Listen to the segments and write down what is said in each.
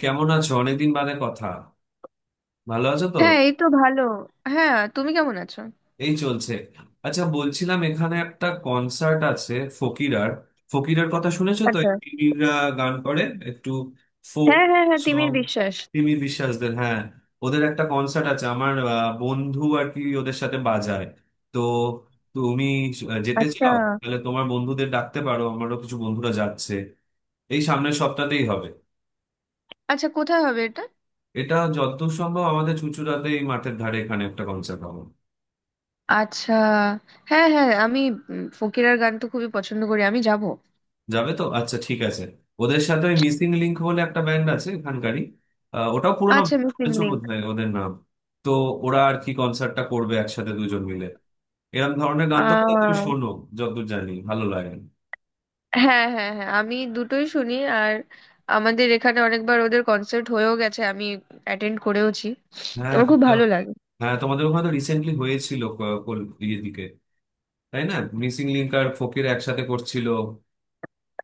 কেমন আছো? অনেকদিন বাদে কথা। ভালো আছো তো? হ্যাঁ, এই তো ভালো। হ্যাঁ, তুমি কেমন আছো? এই চলছে। আচ্ছা, বলছিলাম এখানে একটা কনসার্ট আছে ফকিরার। ফকিরার কথা শুনেছো তো, আচ্ছা। এই তিমিররা গান করে, একটু ফোক হ্যাঁ হ্যাঁ হ্যাঁ সং, তিমির বিশ্বাস। তিমির বিশ্বাসদের, হ্যাঁ। ওদের একটা কনসার্ট আছে, আমার বন্ধু আর কি ওদের সাথে বাজায়। তো তুমি যেতে আচ্ছা। চাও তাহলে তোমার বন্ধুদের ডাকতে পারো, আমারও কিছু বন্ধুরা যাচ্ছে। এই সামনের সপ্তাহতেই হবে। আচ্ছা, কোথায় হবে এটা? এটা যত সম্ভব আমাদের চুঁচুড়াতে, এই মাঠের ধারে এখানে একটা কনসার্ট হবে। আচ্ছা। হ্যাঁ হ্যাঁ আমি ফকিরার গান তো খুবই পছন্দ করি, আমি যাব। যাবে তো? আচ্ছা, ঠিক আছে। ওদের সাথে ওই মিসিং লিংক বলে একটা ব্যান্ড আছে এখানকারই, ওটাও পুরোনো। আচ্ছা, মিসিং শুনেছো লিঙ্ক। বোধহয় ওদের নাম। তো ওরা আর কি কনসার্টটা করবে একসাথে দুজন মিলে। এরকম ধরনের গান তো বোধহয় তুমি আহ শোনো, যতদূর জানি, ভালো লাগে। হ্যাঁ হ্যাঁ হ্যাঁ আমি দুটোই শুনি। আর আমাদের এখানে অনেকবার ওদের কনসার্ট হয়েও গেছে, আমি অ্যাটেন্ড করেওছি। হ্যাঁ, আমার খুব তোমাদের। ভালো লাগে। হ্যাঁ, তোমাদের ওখানে তো রিসেন্টলি হয়েছিল, ইয়ে দিকে, তাই না? মিসিং লিংক আর ফকির একসাথে করছিল।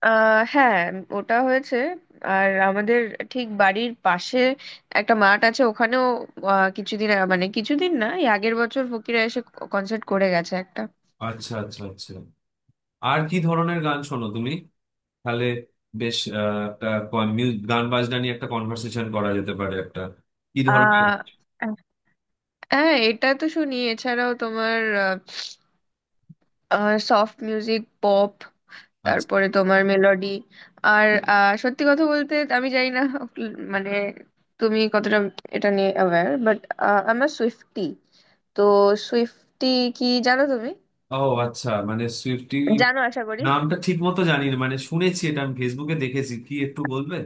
হ্যাঁ, ওটা হয়েছে। আর আমাদের ঠিক বাড়ির পাশে একটা মাঠ আছে, ওখানেও কিছুদিন মানে কিছুদিন না, এই আগের বছর ফকিরা এসে কনসার্ট করে গেছে একটা। আচ্ছা, আচ্ছা, আচ্ছা। আর কি ধরনের গান শোনো তুমি তাহলে? বেশ, একটা গান বাজনা নিয়ে একটা কনভার্সেশন করা যেতে পারে একটা। কি ধরনের? আহ হ্যাঁ, এটা তো শুনি। এছাড়াও তোমার সফট মিউজিক, পপ, আচ্ছা। তারপরে তোমার মেলোডি। আর সত্যি কথা বলতে আমি জানি না মানে তুমি কতটা এটা নিয়ে অ্যাওয়্যার, বাট আমার সুইফটি, তো সুইফটি কি জানো তুমি? ও, আচ্ছা, মানে সুইফটি জানো আশা করি। নামটা ঠিক মতো জানি না, মানে শুনেছি, এটা আমি ফেসবুকে দেখেছি, কি একটু বলবে?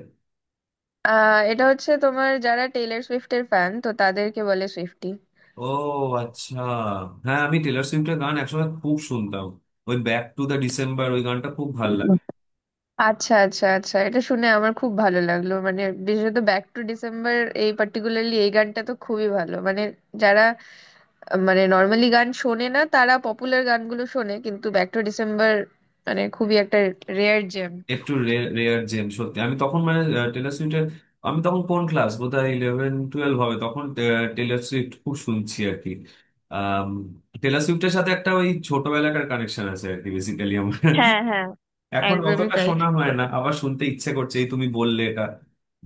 এটা হচ্ছে তোমার, যারা টেইলর সুইফটের ফ্যান তো তাদেরকে বলে সুইফটি। ও, আচ্ছা। হ্যাঁ, আমি টেলর সুইফটের গান একসময় খুব শুনতাম। ওই ব্যাক টু দ্য ডিসেম্বর ওই গানটা খুব ভালো। আচ্ছা আচ্ছা আচ্ছা এটা শুনে আমার খুব ভালো লাগলো, মানে বিশেষত ব্যাক টু ডিসেম্বর, এই পার্টিকুলারলি এই গানটা তো খুবই ভালো। মানে যারা মানে নর্মালি গান শোনে না, তারা পপুলার গানগুলো শোনে, কিন্তু ব্যাক টু ডিসেম্বর মানে খুবই একটা রেয়ার জেম। একটু রেয়ার জেম, সত্যি। আমি তখন, মানে, টেলর সুইফটের, আমি তখন কোন ক্লাস, বোধহয় ইলেভেন টুয়েলভ হবে, তখন টেলর সুইফট খুব শুনছি আর কি। আম, টেলর সুইফটের সাথে একটা ওই ছোটবেলাকার কানেকশন আছে আর কি, বেসিক্যালি আমার। হ্যাঁ হ্যাঁ এখন একদমই অতটা তাই। শোনা হয় ও- না, আবার শুনতে ইচ্ছে করছে এই তুমি বললে এটা।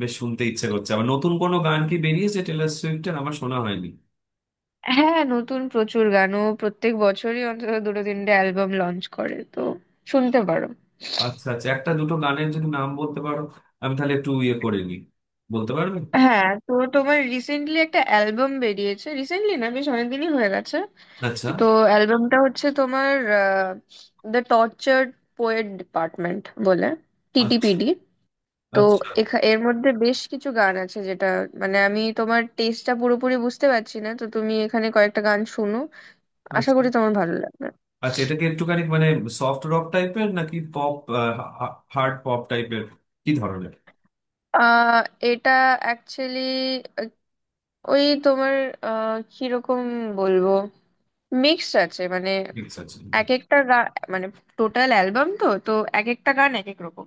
বেশ শুনতে ইচ্ছে করছে আবার। নতুন কোনো গান কি বেরিয়েছে টেলর সুইফটের? আমার শোনা হয়নি। হ্যাঁ, নতুন প্রচুর গানও প্রত্যেক বছরই অন্তত দুটো তিনটে অ্যালবাম লঞ্চ করে, তো শুনতে পারো। আচ্ছা, আচ্ছা, একটা দুটো গানের যদি নাম বলতে পারো, আমি তাহলে একটু ইয়ে করে নিই। বলতে পারবে? হ্যাঁ, তো তোমার রিসেন্টলি একটা অ্যালবাম বেরিয়েছে, রিসেন্টলি না, বেশ অনেকদিনই হয়ে গেছে। আচ্ছা। তো অ্যালবামটা হচ্ছে তোমার দ্য টর্চার্ড পোয়েট ডিপার্টমেন্ট বলে, আচ্ছা। টিটিপিডি। তো আচ্ছা, এর মধ্যে বেশ কিছু গান আছে, যেটা মানে আমি তোমার টেস্টটা পুরোপুরি বুঝতে পারছি না, তো তুমি এখানে কয়েকটা গান শুনো, আশা আচ্ছা। করি তোমার ভালো লাগবে। আচ্ছা, এটা কি একটুখানি মানে সফট রক টাইপের নাকি পপ হার্ড পপ টাইপের, কি ধরনের? আহ এটা অ্যাকচুয়ালি ওই তোমার, কিরকম বলবো, মিক্সড আছে মানে মিক্স আছে। এক একটা গান, মানে টোটাল অ্যালবাম তো তো এক একটা গান এক এক রকম।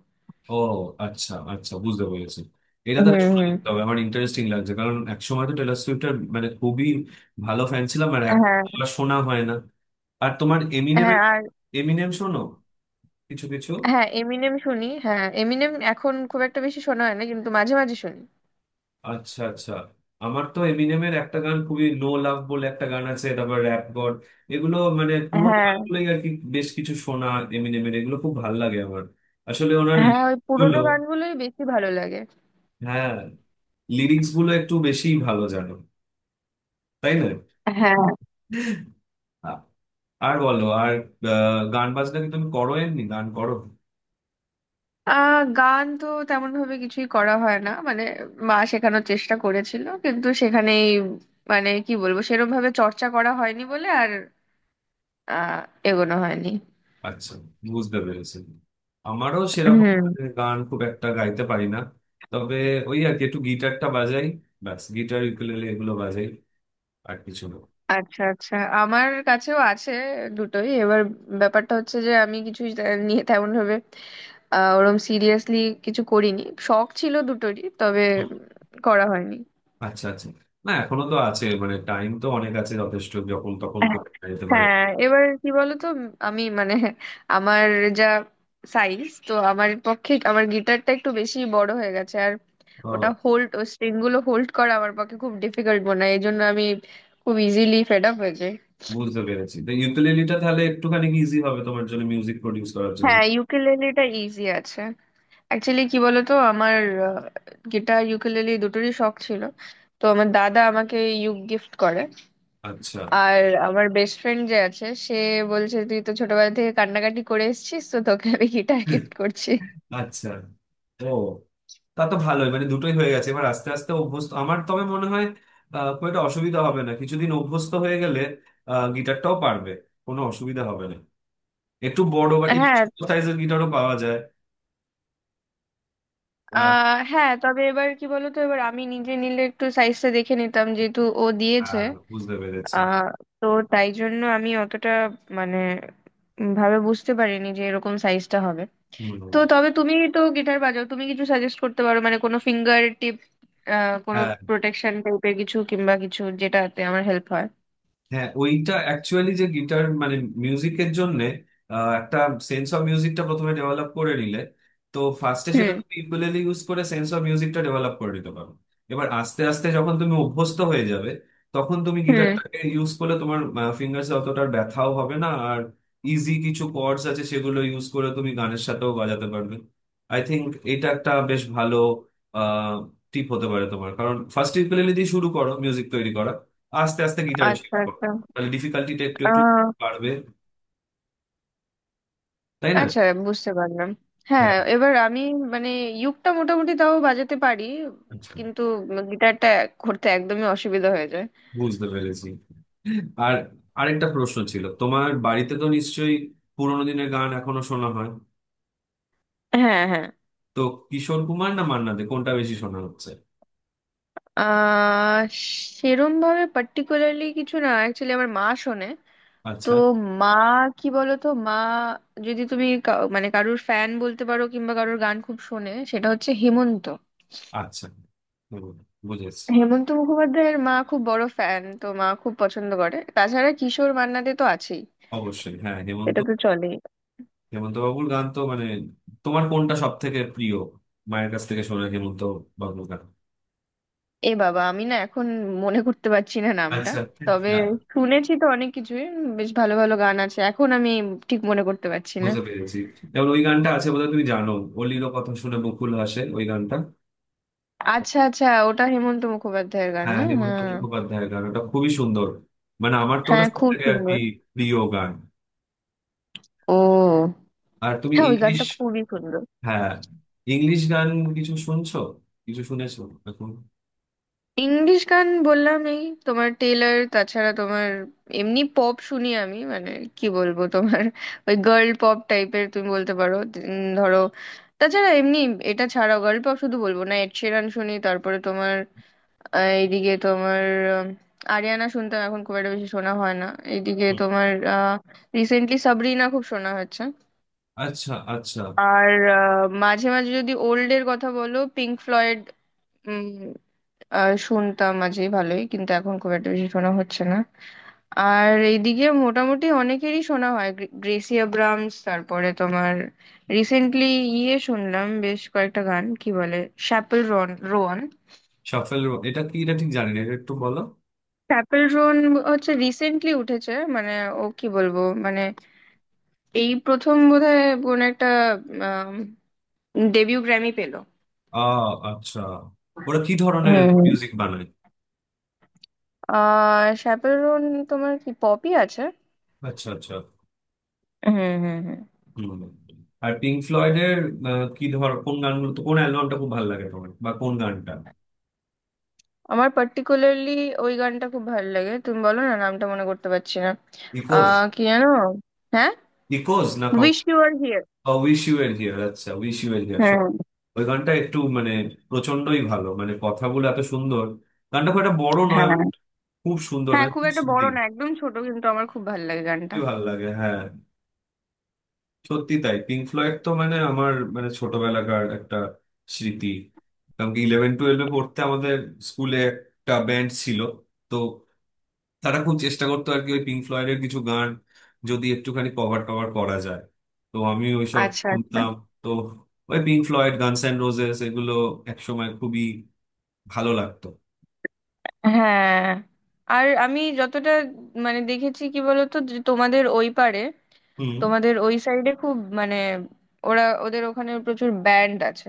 ও, আচ্ছা, আচ্ছা, বুঝতে পেরেছি। এটা হুম তাহলে শুনে হুম দেখতে হবে, আমার ইন্টারেস্টিং লাগছে, কারণ একসময় তো টেলর সুইফটের মানে খুবই ভালো ফ্যান ছিলাম। আর এক হ্যাঁ শোনা হয় না। আর তোমার হ্যাঁ এমিনেমের, আর এমিনেম শোনো কিছু কিছু? হ্যাঁ, এমিনেম শুনি। হ্যাঁ, এমিনেম এখন খুব একটা বেশি শোনা হয় না, কিন্তু মাঝে মাঝে শুনি। আচ্ছা, আচ্ছা। আমার তো এমিনেমের একটা গান, খুবই নো লাভ বলে একটা গান আছে, তারপর র্যাপ গড, এগুলো, মানে পুরোনো হ্যাঁ। গানগুলোই আর কি বেশ কিছু শোনা। এমিনেমের এগুলো খুব ভাল লাগে আমার। আসলে ওনার হ্যাঁ, lyrics ওই গুলো, পুরোনো গানগুলোই বেশি ভালো লাগে। হ্যাঁ, লিরিক্স গুলো একটু বেশি ভালো, জানো, তাই না? হ্যাঁ। আ- আর বলো আর গান বাজনা কি তুমি করো? এমনি গান করো? গান তো তেমন ভাবে কিছুই করা হয় না মানে, মা শেখানোর চেষ্টা করেছিল কিন্তু সেখানেই, মানে কি বলবো, সেরম ভাবে চর্চা করা হয়নি বলে আর আহ এগোনো হয়নি। আচ্ছা, বুঝতে পেরেছি। আমারও সেরকম, হুম। মানে গান খুব একটা গাইতে পারি না। তবে ওই আর কি একটু গিটারটা বাজাই। ব্যাস, গিটার, ইউকুলেলে, এগুলো বাজাই। আর কিছু না। আচ্ছা আচ্ছা। আমার কাছেও আছে দুটোই। এবার ব্যাপারটা হচ্ছে যে আমি নিয়ে তেমন ভাবে ওরম সিরিয়াসলি কিছু করিনি। শখ ছিল দুটোরই, তবে করা হয়নি। আচ্ছা, আচ্ছা। না, এখনো তো আছে, মানে টাইম তো অনেক আছে, যথেষ্ট। যখন তখন করতে যেতে পারে। হ্যাঁ, এবার কি বলতো, আমি মানে আমার যা সাইজ তো আমার পক্ষে আমার গিটারটা একটু বেশি বড় হয়ে গেছে। আর ওটা ও, হোল্ড ও স্ট্রিং গুলো হোল্ড করা আমার পক্ষে খুব ডিফিকাল্ট মনে হয়, এই জন্য আমি খুব ইজিলি ফেড আপ হয়ে যাই। বুঝতে পেরেছি। তো ইউকুলেলিটা তাহলে একটুখানি ইজি হবে তোমার জন্য, মিউজিক প্রডিউস করার জন্য। হ্যাঁ, ইউকেলেলেটা ইজি আছে। অ্যাকচুয়ালি কি বলতো, আমার গিটার ইউকেলেলে দুটোরই শখ ছিল। তো আমার দাদা আমাকে ইউক গিফট করে। আচ্ছা, আর আমার বেস্ট ফ্রেন্ড যে আছে, সে বলছে তুই তো ছোটবেলা থেকে কান্নাকাটি করে এসেছিস, তো তোকে আমি গিটার গিফট করছি। আচ্ছা। ও, তা তো ভালোই, মানে দুটোই হয়ে গেছে। এবার আস্তে আস্তে অভ্যস্ত, আমার তবে মনে হয় খুব একটা অসুবিধা হবে না, কিছুদিন অভ্যস্ত হয়ে গেলে গিটারটাও পারবে, কোনো অসুবিধা হবে না। একটু বড় বা একটু হ্যাঁ। সাইজের গিটারও পাওয়া যায়। আহ, হ্যাঁ, তবে এবার কি বলতো, এবার আমি নিজে নিলে একটু সাইজটা দেখে নিতাম, যেহেতু ও দিয়েছে। হ্যাঁ, বুঝতে পেরেছি। আহ তো তাই জন্য আমি অতটা মানে ভাবে বুঝতে পারিনি যে এরকম সাইজটা হবে। তো হম। তবে তুমি তো গিটার বাজাও, তুমি কিছু সাজেস্ট করতে পারো মানে কোনো ফিঙ্গার টিপ, কোনো হ্যাঁ, প্রোটেকশন টাইপের কিছু, কিংবা কিছু যেটাতে আমার হেল্প হয়। হ্যাঁ, ওইটা অ্যাকচুয়ালি যে গিটার মানে মিউজিকের জন্য একটা সেন্স অফ মিউজিকটা প্রথমে ডেভেলপ করে নিলে, তো ফার্স্টে সেটা হুম তুমি ইকুয়েলি ইউজ করে সেন্স অফ মিউজিকটা ডেভেলপ করে নিতে পারো। এবার আস্তে আস্তে যখন তুমি অভ্যস্ত হয়ে যাবে, তখন তুমি হুম গিটারটাকে ইউজ করলে তোমার ফিঙ্গার্সে অতটা আর ব্যথাও হবে না। আর ইজি কিছু কর্ডস আছে, সেগুলো ইউজ করে তুমি গানের সাথেও বাজাতে পারবে, আই থিংক। এটা একটা বেশ ভালো টিপ হতে পারে তোমার, কারণ ফার্স্ট ইকুয়েলি দিয়ে শুরু করো মিউজিক তৈরি করা, আস্তে আস্তে গিটারে আচ্ছা শিখো। আচ্ছা তাহলে ডিফিকাল্টিটা একটু একটু আহ বাড়বে, তাই না? আচ্ছা, বুঝতে পারলাম। হ্যাঁ, হ্যাঁ। এবার আমি মানে ইউকটা মোটামুটি তাও বাজাতে পারি, আচ্ছা, কিন্তু গিটারটা করতে একদমই অসুবিধা হয়ে যায়। বুঝতে পেরেছি। আর আরেকটা প্রশ্ন ছিল, তোমার বাড়িতে তো নিশ্চয়ই পুরোনো দিনের গান এখনো শোনা হয়, হ্যাঁ। হ্যাঁ। তো কিশোর কুমার না মান্না দে, কোনটা বেশি শোনা হচ্ছে? আহ সেরম ভাবে পার্টিকুলারলি কিছু না, অ্যাকচুয়ালি আমার মা শোনে। তো আচ্ছা, মা, কি বলতো, মা যদি তুমি মানে কারোর ফ্যান বলতে পারো কিংবা কারোর গান খুব শোনে, সেটা হচ্ছে হেমন্ত। আচ্ছা। হুম, বুঝেছি। হেমন্ত মুখোপাধ্যায়ের মা খুব বড় ফ্যান, তো মা খুব পছন্দ করে। তাছাড়া কিশোর, মান্নাদে তো আছেই, অবশ্যই, হ্যাঁ, হেমন্ত। সেটা তো চলেই। হেমন্ত বাবুর গান তো মানে, তোমার কোনটা সব থেকে প্রিয়, মায়ের কাছ থেকে শোনা হেমন্ত বাবুর গান? এ বাবা, আমি না এখন মনে করতে পারছি না নামটা। আচ্ছা। তবে হ্যাঁ, শুনেছি তো অনেক কিছুই, বেশ ভালো ভালো গান আছে, এখন আমি ঠিক মনে করতে পারছি না। বুঝতে পেরেছি। যেমন ওই গানটা আছে, বোধহয় তুমি জানো, অলির কথা শুনে বকুল হাসে, ওই গানটা। আচ্ছা আচ্ছা, ওটা হেমন্ত মুখোপাধ্যায়ের গান না? হ্যাঁ, হেমন্ত হ্যাঁ। মুখোপাধ্যায়ের গান, ওটা খুবই সুন্দর, মানে আমার তো ওটা হ্যাঁ, সব খুব থেকে আর কি সুন্দর। প্রিয় গান। ও। আর তুমি হ্যাঁ, ওই ইংলিশ, গানটা খুবই সুন্দর। হ্যাঁ, ইংলিশ গান কিছু শুনছো? কিছু শুনেছো এখন? ইংলিশ গান বললাম এই, তোমার টেইলার, তাছাড়া তোমার এমনি পপ শুনি আমি, মানে কি বলবো, তোমার ওই গার্ল পপ টাইপের তুমি বলতে পারো, ধরো। তাছাড়া এমনি, এটা ছাড়াও গার্ল পপ শুধু বলবো না, এড শিরান শুনি, তারপরে তোমার এইদিকে তোমার উম, আরিয়ানা শুনতাম, এখন খুব একটা বেশি শোনা হয় না। এইদিকে তোমার আহ রিসেন্টলি সাবরিনা খুব শোনা হচ্ছে। আচ্ছা, আচ্ছা। আর মাঝে মাঝে যদি ওল্ড এর কথা বলো, পিঙ্ক ফ্লয়েড শুনতাম মাঝে, ভালোই, কিন্তু এখন খুব একটা বেশি শোনা হচ্ছে না। আর এইদিকে মোটামুটি অনেকেরই শোনা হয় গ্রেসি আব্রামস, তারপরে তোমার রিসেন্টলি ইয়ে শুনলাম বেশ কয়েকটা গান, কি বলে, শ্যাপেল রন রোয়ান। শাফেল, এটা কি, এটা ঠিক জানি না, এটা একটু বলো। শ্যাপেল রোন হচ্ছে রিসেন্টলি উঠেছে, মানে ও কি বলবো মানে, এই প্রথম বোধহয় কোন একটা ডেবিউ গ্র্যামি পেলো। আহ, আচ্ছা। ওরা কি ধরনের হুম মিউজিক হুম। বানায়? শ্যাপেল রোন, তোমার কি পপি আছে? আচ্ছা, আচ্ছা। হুম হুম হুম হম। আর পিঙ্ক ফ্লয়েডের কি ধর কোন গানগুলো তো, কোন অ্যালবামটা খুব ভালো লাগে তোমার, বা কোন গানটা? আমার পার্টিকুলারলি ওই গানটা খুব ভালো লাগে, তুমি বলো না, নামটা মনে করতে পারছি না। ইকোজ? কি জানো, হ্যাঁ, ইকোজ না? Wish you were here. I wish you were here. আচ্ছা, উইশ ইউ এর হিয়ার। হ্যাঁ। ওই গানটা একটু মানে প্রচন্ডই ভালো, মানে কথাগুলো এত সুন্দর। গানটা খুব একটা বড় নয় হ্যাঁ but খুব সুন্দর, হ্যাঁ, মানে খুব খুব একটা বড় সুদিং। না, একদম ছোট, কিন্তু আমার খুব ভালো লাগে গানটা। খুবই ভালো লাগে, হ্যাঁ। সত্যি তাই। পিঙ্ক ফ্লয়েড তো মানে আমার মানে ছোটবেলাকার একটা স্মৃতি, কারণ কি ইলেভেন টুয়েলভে পড়তে আমাদের স্কুলে একটা ব্যান্ড ছিল। তো তারা খুব চেষ্টা করতো আর কি ওই পিঙ্ক ফ্লয়েডের কিছু গান যদি একটুখানি কভার টভার করা যায়, তো আমি ওইসব আচ্ছা আচ্ছা। শুনতাম। তো ওই Pink Floyd, guns and roses, এগুলো একসময় খুবই ভালো লাগতো। হ্যাঁ, আর আমি যতটা মানে দেখেছি, কি বলতো, যে তোমাদের ওই পারে, হুম। তোমাদের ওই সাইডে খুব মানে, ওরা ওদের ওখানে প্রচুর ব্যান্ড আছে,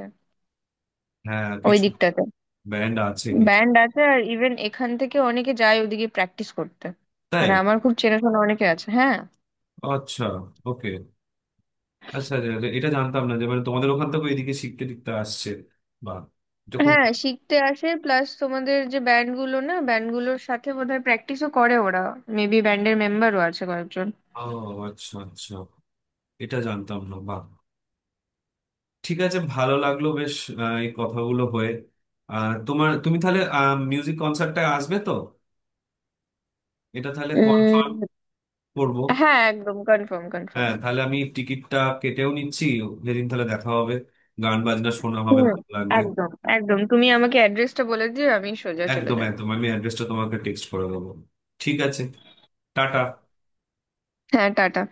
হ্যাঁ, ওই কিছু দিকটাতে ব্যান্ড আছে, কিছু। ব্যান্ড আছে। আর ইভেন এখান থেকে অনেকে যায় ওদিকে প্র্যাকটিস করতে, তাই? মানে আমার খুব চেনাশোনা অনেকে আছে। হ্যাঁ। আচ্ছা, ওকে। আচ্ছা, আচ্ছা, আচ্ছা, এটা জানতাম না যে মানে তোমাদের ওখান থেকে এদিকে শিখতে টিখতে আসছে, বা এটা খুব। হ্যাঁ, শিখতে আসে, প্লাস তোমাদের যে ব্যান্ড গুলো না, ব্যান্ড গুলোর সাথে বোধহয় প্র্যাকটিসও করে ওরা, মেবি ব্যান্ডের মেম্বারও আছে কয়েকজন। ও, আচ্ছা, আচ্ছা, এটা জানতাম না, বাহ। ঠিক আছে, ভালো লাগলো বেশ। এই কথাগুলো হয়ে, আর তোমার, তুমি তাহলে মিউজিক কনসার্টটায় আসবে তো? এটা তাহলে কনফার্ম উম, করবো। হ্যাঁ, একদম কনফার্ম কনফার্ম। হ্যাঁ, তাহলে আমি টিকিটটা কেটেও নিচ্ছি। যেদিন তাহলে দেখা হবে, গান বাজনা শোনা হবে, হুম, ভালো লাগবে। একদম একদম, তুমি আমাকে অ্যাড্রেসটা বলে দিও, আমি সোজা চলে একদম, যাব। একদম আমি অ্যাড্রেসটা তোমাকে টেক্সট করে দেবো। ঠিক আছে, টাটা। হ্যাঁ, টাটা।